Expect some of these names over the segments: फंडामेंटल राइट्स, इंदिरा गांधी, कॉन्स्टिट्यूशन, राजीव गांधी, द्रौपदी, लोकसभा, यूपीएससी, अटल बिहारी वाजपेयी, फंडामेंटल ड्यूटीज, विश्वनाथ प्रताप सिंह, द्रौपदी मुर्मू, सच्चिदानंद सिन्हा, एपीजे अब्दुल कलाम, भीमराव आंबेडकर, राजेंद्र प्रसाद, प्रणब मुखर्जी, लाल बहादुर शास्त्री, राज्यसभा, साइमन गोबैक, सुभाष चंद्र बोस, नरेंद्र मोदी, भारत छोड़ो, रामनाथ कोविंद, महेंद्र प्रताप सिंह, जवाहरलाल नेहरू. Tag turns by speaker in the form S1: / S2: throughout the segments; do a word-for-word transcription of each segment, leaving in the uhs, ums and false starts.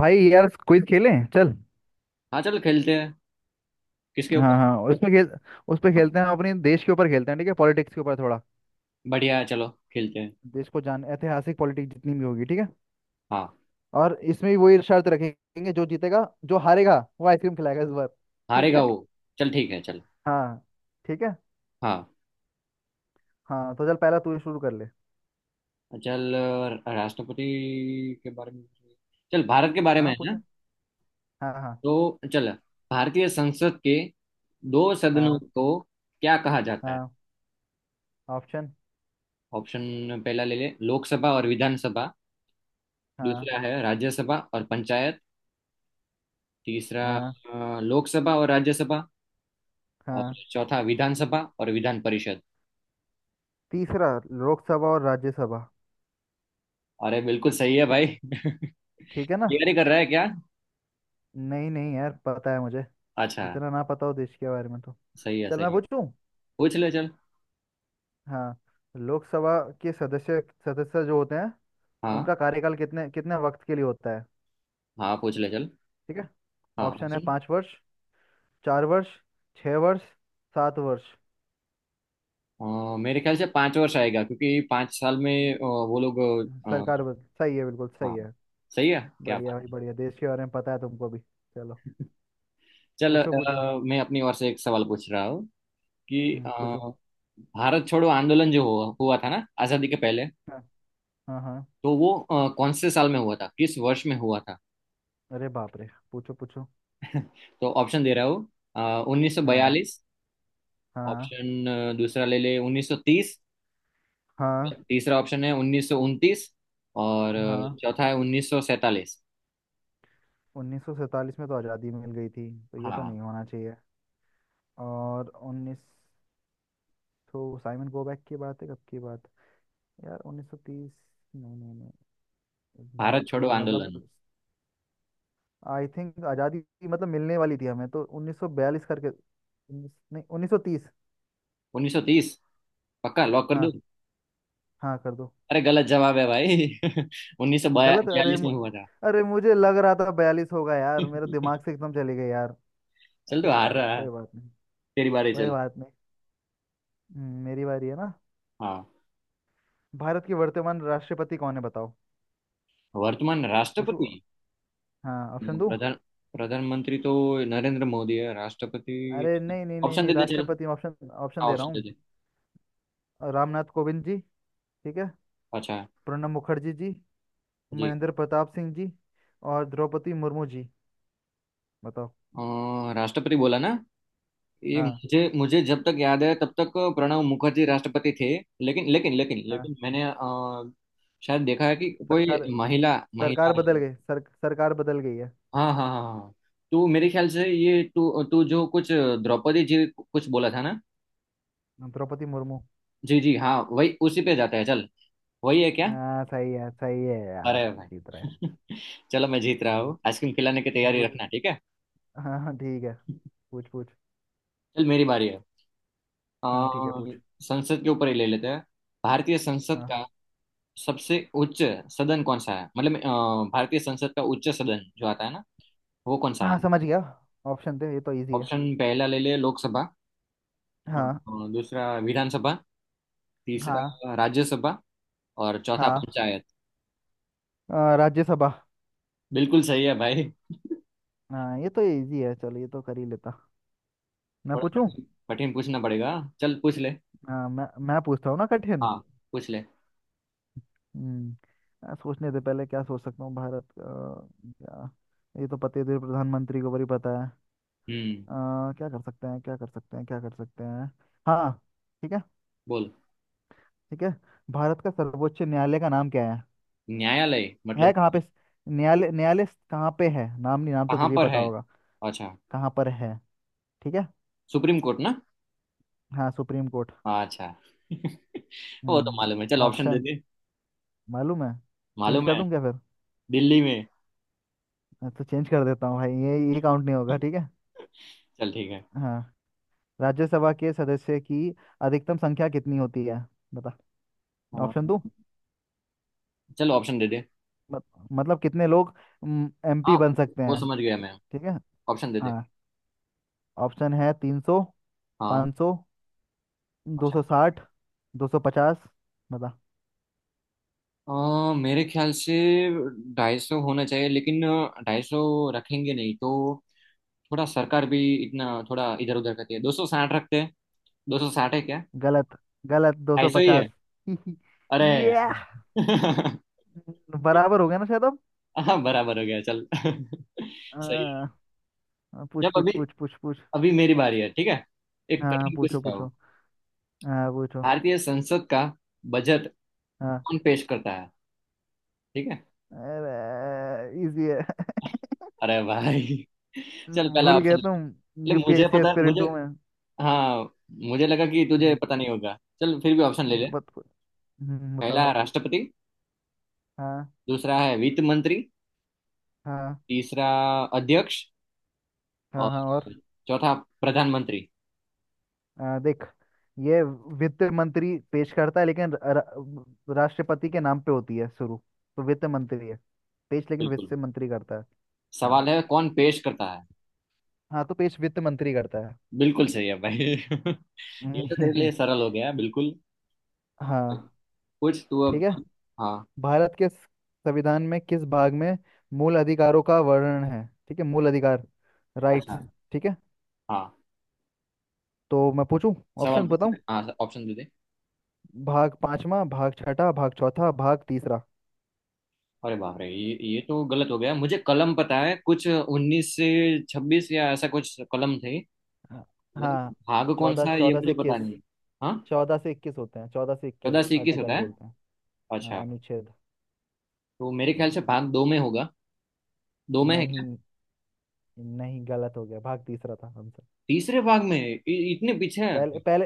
S1: भाई यार क्विज खेलें चल।
S2: हाँ, चलो खेलते हैं। किसके ऊपर?
S1: हाँ हाँ उसमें खेल। उस पे
S2: हाँ,
S1: खेलते हैं, हम अपने देश के ऊपर खेलते हैं ठीक है, पॉलिटिक्स के ऊपर थोड़ा।
S2: बढ़िया है। चलो खेलते हैं।
S1: देश को जान, ऐतिहासिक पॉलिटिक्स जितनी भी होगी, ठीक है।
S2: हाँ,
S1: और इसमें भी वही शर्त रखेंगे, जो जीतेगा जो हारेगा वो आइसक्रीम खिलाएगा इस बार। ठीक है।
S2: हारेगा वो। चल, ठीक है, चल।
S1: हाँ ठीक है।
S2: हाँ,
S1: हाँ तो चल, पहला तू ही शुरू कर ले।
S2: चल। अ, राष्ट्रपति के बारे में। चल, भारत के बारे में
S1: हाँ
S2: है
S1: पूछ
S2: ना।
S1: ले। हाँ हाँ।
S2: तो चल, भारतीय संसद के दो सदनों
S1: हाँ
S2: को क्या कहा जाता है?
S1: हाँ, ऑप्शन।
S2: ऑप्शन। पहला ले ले — लोकसभा और विधानसभा।
S1: हाँ
S2: दूसरा है राज्यसभा और पंचायत। तीसरा,
S1: हाँ।
S2: अ, लोकसभा और राज्यसभा। और
S1: हाँ,
S2: चौथा विधानसभा और विधान परिषद।
S1: तीसरा, लोकसभा और राज्यसभा।
S2: अरे बिल्कुल सही है,
S1: ठीक।
S2: भाई।
S1: ठीक है ना।
S2: क्लियर ही कर रहा है क्या?
S1: नहीं नहीं यार, पता है मुझे।
S2: अच्छा,
S1: इतना ना पता हो देश के बारे में तो।
S2: सही है,
S1: चल मैं
S2: सही है।
S1: पूछूं।
S2: पूछ ले चल।
S1: हाँ, लोकसभा के सदस्य सदस्य जो होते हैं,
S2: हाँ,
S1: उनका कार्यकाल कितने कितने वक्त के लिए होता है।
S2: हाँ, पूछ ले चल।
S1: ठीक है।
S2: हाँ,
S1: ऑप्शन है,
S2: ऑप्शन।
S1: पाँच वर्ष। चार वर्ष। छः वर्ष। सात वर्ष।
S2: अ, मेरे ख्याल से पाँच वर्ष आएगा, क्योंकि पाँच साल में अ, वो लोग…
S1: सरकार
S2: अ,
S1: बद- सही है, बिल्कुल
S2: हाँ,
S1: सही है।
S2: सही है। क्या
S1: बढ़िया
S2: बात
S1: भाई
S2: है!
S1: बढ़िया, देश के बारे में पता है तुमको भी। चलो।
S2: चल,
S1: पूछो पूछो।
S2: अ, मैं अपनी ओर से एक सवाल पूछ रहा हूँ कि
S1: हम्म पूछो।
S2: अ, भारत छोड़ो आंदोलन जो हुआ हुआ था ना आज़ादी के पहले।
S1: हाँ हाँ हाँ।
S2: तो वो अ, कौन से साल में हुआ था, किस वर्ष में हुआ था?
S1: अरे बाप रे, पूछो पूछो।
S2: तो ऑप्शन दे रहा हूँ — उन्नीस सौ
S1: हाँ
S2: बयालीस
S1: हाँ
S2: ऑप्शन अ, दूसरा ले ले उन्नीस सौ तीस।
S1: हाँ
S2: तीसरा ऑप्शन है उन्नीस सौ उनतीस। और अ,
S1: हाँ।
S2: चौथा है उन्नीस सौ सैंतालीस।
S1: उन्नीस सौ सैंतालीस में तो आज़ादी मिल गई थी, तो ये तो
S2: हाँ,
S1: नहीं होना चाहिए। और उन्नीस तो साइमन गोबैक की बात है, कब की बात है? यार उन्नीस सौ तीस। नहीं नहीं नहीं। भारत
S2: भारत छोड़ो
S1: छोड़ो मतलब,
S2: आंदोलन
S1: आई थिंक आज़ादी मतलब मिलने वाली थी हमें, तो उन्नीस सौ बयालीस करके। उन्नीस नहीं, उन्नीस सौ तीस।
S2: उन्नीस सौ तीस, पक्का लॉक कर दूं?
S1: हाँ हाँ कर दो।
S2: अरे गलत जवाब है, भाई।
S1: गलत। अरे
S2: उन्नीस सौ बयालीस में
S1: मु-
S2: हुआ था।
S1: अरे मुझे लग रहा था बयालीस होगा यार, मेरे दिमाग से एकदम चली गई यार।
S2: चल, तो
S1: अरे
S2: हार
S1: यार
S2: रहा है।
S1: कोई बात नहीं।
S2: तेरी बारी,
S1: कोई
S2: चल।
S1: बात नहीं। हम्म, मेरी बारी है ना।
S2: हाँ,
S1: भारत के वर्तमान राष्ट्रपति कौन है, बताओ।
S2: वर्तमान
S1: पूछू।
S2: राष्ट्रपति।
S1: हाँ ऑप्शन दूं।
S2: प्रधान प्रधानमंत्री तो नरेंद्र मोदी है, राष्ट्रपति।
S1: अरे नहीं नहीं नहीं
S2: ऑप्शन
S1: नहीं,
S2: दे दे चल।
S1: राष्ट्रपति,
S2: हाँ,
S1: ऑप्शन ऑप्शन दे रहा
S2: ऑप्शन दे
S1: हूँ।
S2: दे।
S1: रामनाथ कोविंद जी। ठीक है।
S2: अच्छा।
S1: प्रणब मुखर्जी जी।
S2: जी।
S1: महेंद्र प्रताप सिंह जी। और द्रौपदी मुर्मू जी। बताओ।
S2: अ, राष्ट्रपति बोला ना। ये
S1: हाँ
S2: मुझे मुझे जब तक याद है तब तक प्रणब मुखर्जी राष्ट्रपति थे। लेकिन लेकिन लेकिन
S1: हाँ।
S2: लेकिन मैंने अ, शायद देखा है कि कोई
S1: सरकार
S2: महिला महिला
S1: सरकार बदल
S2: आई।
S1: गई, सर, सरकार बदल गई है।
S2: हाँ, हाँ, हाँ, हाँ। तो मेरे ख्याल से ये तू तू जो कुछ द्रौपदी जी कुछ बोला था ना।
S1: द्रौपदी मुर्मू।
S2: जी, जी, हाँ, वही उसी पे जाता है, चल। वही है क्या?
S1: हाँ, सही है सही है यार।
S2: अरे
S1: जीत रहा है।
S2: भाई। चलो, मैं जीत रहा हूँ,
S1: हम्म,
S2: आइसक्रीम खिलाने की तैयारी
S1: पूछ।
S2: रखना, ठीक है।
S1: हाँ हाँ ठीक है। पूछ पूछ।
S2: चल, मेरी बारी है। अ,
S1: हाँ ठीक है, पूछ।
S2: संसद के ऊपर ही ले लेते हैं। भारतीय संसद
S1: हाँ
S2: का
S1: हाँ।
S2: सबसे उच्च सदन कौन सा है? मतलब अ, भारतीय संसद का उच्च सदन जो आता है ना, वो कौन सा है?
S1: हाँ समझ गया। ऑप्शन थे, ये तो इजी है।
S2: ऑप्शन। पहला ले ले — लोकसभा। अ,
S1: हाँ
S2: अ, दूसरा विधानसभा।
S1: हाँ।
S2: तीसरा राज्यसभा। और चौथा
S1: हाँ
S2: पंचायत।
S1: अ, राज्यसभा।
S2: बिल्कुल सही है, भाई।
S1: हाँ, ये तो इजी है, चलो ये तो कर ही लेता। मैं
S2: थोड़ा
S1: पूछूं।
S2: कठिन। कठिन पूछना पड़ेगा। चल, पूछ ले।
S1: हाँ मैं मैं पूछता हूँ ना, कठिन।
S2: हाँ, पूछ ले।
S1: हम्म। यार, सोचने से पहले क्या सोच सकता हूँ भारत का। क्या। ये तो पते थे प्रधानमंत्री को, बड़ी पता है।
S2: हम्म
S1: अ, क्या कर सकते हैं, क्या कर सकते हैं, क्या कर सकते हैं। हाँ ठीक है।
S2: बोल।
S1: ठीक है। भारत का सर्वोच्च न्यायालय का नाम क्या है
S2: न्यायालय
S1: है
S2: मतलब
S1: कहाँ पे। न्यायालय न्यायालय कहाँ पे है, नाम नहीं, नाम तो
S2: कहाँ
S1: तुझे
S2: पर
S1: पता
S2: है?
S1: होगा।
S2: अच्छा।
S1: कहाँ पर है। ठीक है।
S2: सुप्रीम कोर्ट ना?
S1: हाँ, सुप्रीम कोर्ट।
S2: अच्छा। वो तो मालूम है, चल,
S1: हम्म।
S2: ऑप्शन दे
S1: ऑप्शन।
S2: दे।
S1: मालूम है। चेंज
S2: मालूम
S1: कर
S2: है।
S1: दूँ क्या फिर।
S2: दिल्ली में।
S1: तो चेंज कर देता हूँ भाई, ये ये काउंट नहीं होगा, ठीक है।
S2: चल, ठीक है।
S1: हाँ, राज्यसभा के सदस्य की अधिकतम संख्या कितनी होती है, बता।
S2: हाँ।
S1: ऑप्शन दूं।
S2: चलो, ऑप्शन दे दे।
S1: मत, मतलब कितने लोग एमपी
S2: हाँ,
S1: बन सकते
S2: वो
S1: हैं।
S2: समझ गया
S1: ठी-
S2: मैं।
S1: ठीक है।
S2: ऑप्शन दे दे।
S1: हाँ, ऑप्शन है, तीन सौ।
S2: हाँ।
S1: पाँच सौ। दो
S2: अच्छा।
S1: सौ साठ। दो सौ पचास। बता।
S2: अ, मेरे ख्याल से ढाई सौ होना चाहिए, लेकिन ढाई सौ रखेंगे नहीं, तो थोड़ा सरकार भी इतना थोड़ा इधर उधर करती है। दो सौ साठ रखते हैं। दो सौ साठ है क्या?
S1: गलत गलत, दो
S2: ढाई
S1: सौ
S2: सौ ही
S1: पचास।
S2: है? अरे
S1: ये
S2: यार।
S1: बराबर हो गया ना शायद अब।
S2: हाँ, बराबर हो गया, चल। सही
S1: आ,
S2: है।
S1: पूछ
S2: जब
S1: पूछ
S2: अभी
S1: पूछ पूछ पूछ।
S2: अभी मेरी बारी है, ठीक है। एक
S1: हाँ
S2: कठिन
S1: पूछो
S2: पूछता
S1: पूछो।
S2: हूँ।
S1: हाँ पूछो।
S2: भारतीय संसद का बजट
S1: हाँ,
S2: कौन पेश करता है? ठीक है।
S1: अरे इजी है।
S2: अरे भाई। चल, पहला
S1: भूल गया
S2: ऑप्शन
S1: तुम।
S2: ले। मुझे
S1: यूपीएससी
S2: पता,
S1: एस्पिरेंट
S2: मुझे।
S1: हूँ।
S2: हाँ, मुझे लगा कि तुझे
S1: हम्म,
S2: पता नहीं होगा। चल, फिर भी ऑप्शन ले
S1: अब
S2: ले।
S1: बत, हम्म, बताओ।
S2: पहला राष्ट्रपति।
S1: हाँ
S2: दूसरा है वित्त मंत्री।
S1: हाँ
S2: तीसरा अध्यक्ष।
S1: हाँ
S2: और
S1: हाँ और।
S2: चौथा प्रधानमंत्री।
S1: आ, देख। ये वित्त मंत्री पेश करता है, लेकिन र- र- राष्ट्रपति के नाम पे होती है शुरू। तो वित्त मंत्री है पेश, लेकिन
S2: बिल्कुल।
S1: वित्त मंत्री करता है। हाँ
S2: सवाल है कौन पेश करता है।
S1: हाँ, तो पेश वित्त मंत्री करता है।
S2: बिल्कुल सही है, भाई। ये तो तेरे लिए
S1: हम्म,
S2: सरल हो गया, बिल्कुल।
S1: हाँ
S2: कुछ तू अब।
S1: ठीक है।
S2: हाँ।
S1: भारत के संविधान में किस भाग में मूल अधिकारों का वर्णन है, ठीक है, मूल अधिकार,
S2: अच्छा।
S1: राइट्स। ठीक है।
S2: हाँ,
S1: तो मैं पूछूं।
S2: सवाल
S1: ऑप्शन
S2: पूछ
S1: बताऊं।
S2: ले। हाँ, ऑप्शन दे दे।
S1: भाग पांचवा। भाग छठा। भाग चौथा। भाग तीसरा।
S2: अरे बाप रे, ये ये तो गलत हो गया। मुझे कलम पता है कुछ उन्नीस से छब्बीस या ऐसा कुछ कलम थे।
S1: हाँ हाँ।
S2: लेकिन भाग कौन
S1: चौदह
S2: सा है ये
S1: चौदह से
S2: मुझे
S1: इक्कीस।
S2: पता नहीं है। हाँ,
S1: चौदह से इक्कीस होते हैं, चौदह से इक्कीस
S2: चौदह से इक्कीस होता
S1: आर्टिकल
S2: है।
S1: बोलते हैं। हाँ,
S2: अच्छा।
S1: अनुच्छेद।
S2: तो मेरे
S1: हम्म,
S2: ख्याल से भाग दो में होगा। दो में है क्या?
S1: नहीं नहीं, गलत हो गया, भाग तीसरा था आंसर।
S2: तीसरे भाग में इ, इतने पीछे है?
S1: पहले पहले,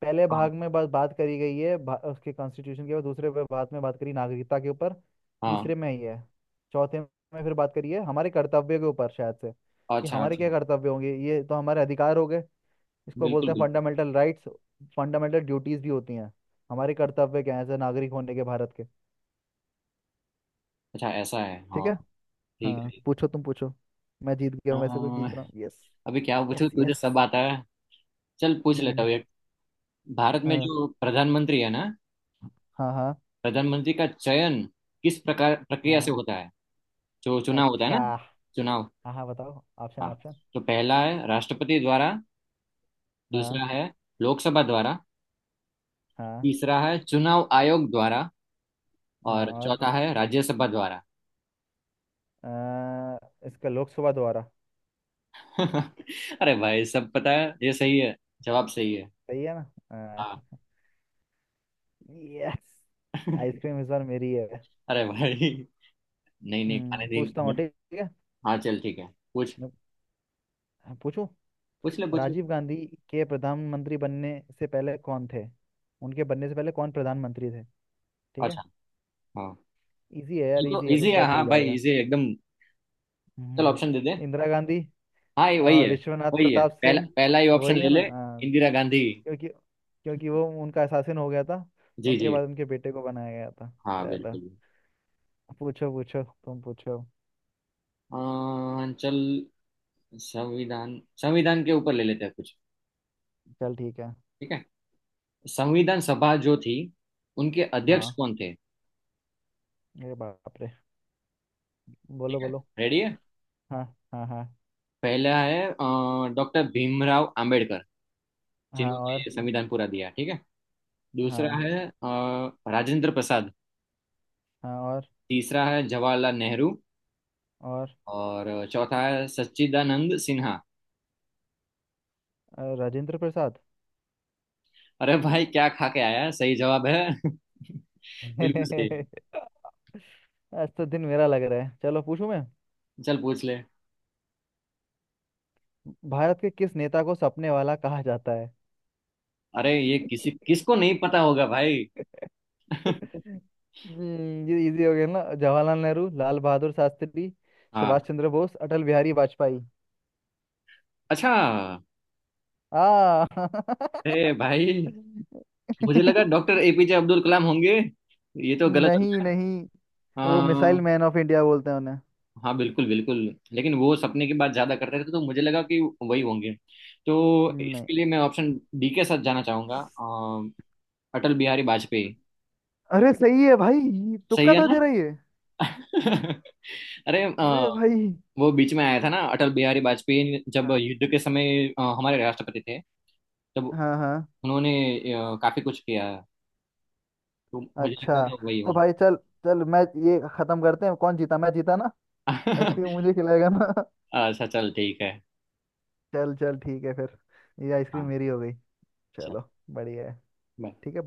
S1: पहले भाग
S2: हाँ,
S1: में बस बात करी गई है, भा- उसके कॉन्स्टिट्यूशन के ऊपर। दूसरे पे बात में बात करी, नागरिकता के ऊपर।
S2: हाँ।
S1: तीसरे में ही है। चौथे में फिर बात करी है हमारे कर्तव्य के ऊपर शायद से। कि
S2: अच्छा,
S1: हमारे क्या
S2: अच्छा।
S1: कर्तव्य होंगे, ये तो हमारे अधिकार हो गए। इसको बोलते
S2: बिल्कुल,
S1: हैं
S2: बिल्कुल।
S1: फंडामेंटल राइट्स। फंडामेंटल ड्यूटीज भी होती हैं, हमारे कर्तव्य क्या है एज नागरिक होने के भारत के।
S2: अच्छा, ऐसा है,
S1: ठीक
S2: हाँ।
S1: है।
S2: ठीक
S1: हाँ
S2: है।
S1: पूछो, तुम पूछो। मैं जीत गया
S2: अ,
S1: हूँ वैसे, तो जीत रहा हूँ, यस।
S2: अभी क्या पूछूं,
S1: यस
S2: तुझे
S1: यस।
S2: सब आता है। चल, पूछ लेता
S1: हम्म।
S2: हूँ एक। भारत में
S1: हाँ
S2: जो प्रधानमंत्री है ना,
S1: हाँ हाँ
S2: प्रधानमंत्री का चयन किस प्रकार प्रक्रिया से
S1: हाँ।
S2: होता है? जो चुनाव होता है
S1: अच्छा।
S2: ना, चुनाव।
S1: हाँ हाँ, बताओ, ऑप्शन
S2: हाँ।
S1: ऑप्शन।
S2: तो पहला है राष्ट्रपति द्वारा।
S1: हाँ
S2: दूसरा है लोकसभा द्वारा।
S1: हाँ
S2: तीसरा है चुनाव आयोग द्वारा।
S1: हाँ
S2: और
S1: और।
S2: चौथा है राज्यसभा द्वारा।
S1: अ, इसका लोकसभा द्वारा।
S2: अरे भाई, सब पता है, ये सही है। जवाब सही है।
S1: सही है ना।
S2: हाँ।
S1: यस। आइसक्रीम इस बार मेरी है।
S2: अरे भाई, नहीं नहीं, खाने
S1: हम्म पूछता हूँ,
S2: दिन।
S1: ठीक है।
S2: हाँ, चल ठीक है। पूछ,
S1: मैं पूछूं।
S2: पूछ ले, पूछ ले।
S1: राजीव गांधी के प्रधानमंत्री बनने से पहले कौन थे। उनके बनने से पहले कौन प्रधानमंत्री थे। ठीक है।
S2: अच्छा। हाँ,
S1: इजी है
S2: ये
S1: यार,
S2: तो
S1: इजी है तो
S2: इजी
S1: पता
S2: है,
S1: चल
S2: हाँ, भाई
S1: जाएगा।
S2: इजी है एकदम। चल,
S1: हम्म,
S2: ऑप्शन दे दे।
S1: इंदिरा गांधी।
S2: हाँ, ये वही
S1: अ,
S2: है।
S1: विश्वनाथ
S2: वही है
S1: प्रताप
S2: पहला,
S1: सिंह।
S2: पहला ही ऑप्शन
S1: वही है
S2: ले
S1: ना,
S2: ले —
S1: अ,
S2: इंदिरा गांधी।
S1: क्योंकि क्योंकि वो उनका शासन हो गया था। तो
S2: जी,
S1: उनके
S2: जी,
S1: बाद उनके बेटे को बनाया गया था।
S2: हाँ,
S1: चलो
S2: बिल्कुल।
S1: पूछो पूछो, तुम पूछो।
S2: अं, चल। संविधान, संविधान के ऊपर ले लेते हैं कुछ।
S1: चल ठीक है।
S2: ठीक है। संविधान सभा जो थी, उनके अध्यक्ष
S1: हाँ,
S2: कौन थे?
S1: ये बाप रे,
S2: ठीक
S1: बोलो
S2: है।
S1: बोलो।
S2: रेडी है?
S1: हाँ हाँ हाँ
S2: पहला है डॉक्टर भीमराव आंबेडकर,
S1: हाँ
S2: जिन्होंने
S1: और।
S2: ये संविधान पूरा दिया, ठीक है। दूसरा
S1: हाँ
S2: है अं, राजेंद्र प्रसाद।
S1: हाँ और
S2: तीसरा है जवाहरलाल नेहरू।
S1: और
S2: और चौथा है सच्चिदानंद सिन्हा।
S1: अ, राजेंद्र प्रसाद।
S2: अरे भाई, क्या खा के आया है? सही जवाब है। बिल्कुल सही है।
S1: आज तो दिन मेरा लग रहा है, चलो पूछूं मैं।
S2: चल, पूछ ले।
S1: भारत के किस नेता को सपने वाला कहा जाता है।
S2: अरे, ये किसी
S1: हम्म,
S2: किसको नहीं पता होगा, भाई।
S1: ये इजी हो गया ना, जवाहरलाल नेहरू, लाल बहादुर शास्त्री, सुभाष
S2: हाँ।
S1: चंद्र बोस, अटल बिहारी वाजपेयी।
S2: अच्छा।
S1: आ
S2: ए भाई, मुझे लगा डॉक्टर एपीजे अब्दुल कलाम होंगे। ये तो गलत हो
S1: नहीं
S2: गया।
S1: नहीं, वो
S2: हाँ,
S1: मिसाइल मैन ऑफ इंडिया बोलते हैं उन्हें।
S2: हाँ, बिल्कुल, बिल्कुल। लेकिन वो सपने की बात ज्यादा करते थे, तो मुझे लगा कि वही होंगे। तो
S1: नहीं,
S2: इसके लिए मैं ऑप्शन डी के साथ जाना चाहूंगा, अ, अटल बिहारी वाजपेयी।
S1: अरे सही है भाई।
S2: सही
S1: तुक्का
S2: है
S1: तो
S2: ना?
S1: दे रही है।
S2: अरे, अ,
S1: अरे भाई।
S2: वो बीच में आया था ना, अटल बिहारी वाजपेयी, जब
S1: हाँ
S2: युद्ध के समय अ, हमारे राष्ट्रपति थे, तब
S1: हाँ हाँ।
S2: उन्होंने अ, काफी कुछ किया। तो मुझे लगता
S1: अच्छा,
S2: है वही
S1: तो भाई चल। चल मैं ये खत्म करते हैं, कौन जीता, मैं जीता ना।
S2: होंगे।
S1: आइसक्रीम मुझे खिलाएगा ना।
S2: अच्छा, चल ठीक है।
S1: चल चल, ठीक है फिर। ये आइसक्रीम
S2: हाँ,
S1: मेरी हो गई।
S2: चल।
S1: चलो बढ़िया है।
S2: bye.
S1: ठीक है।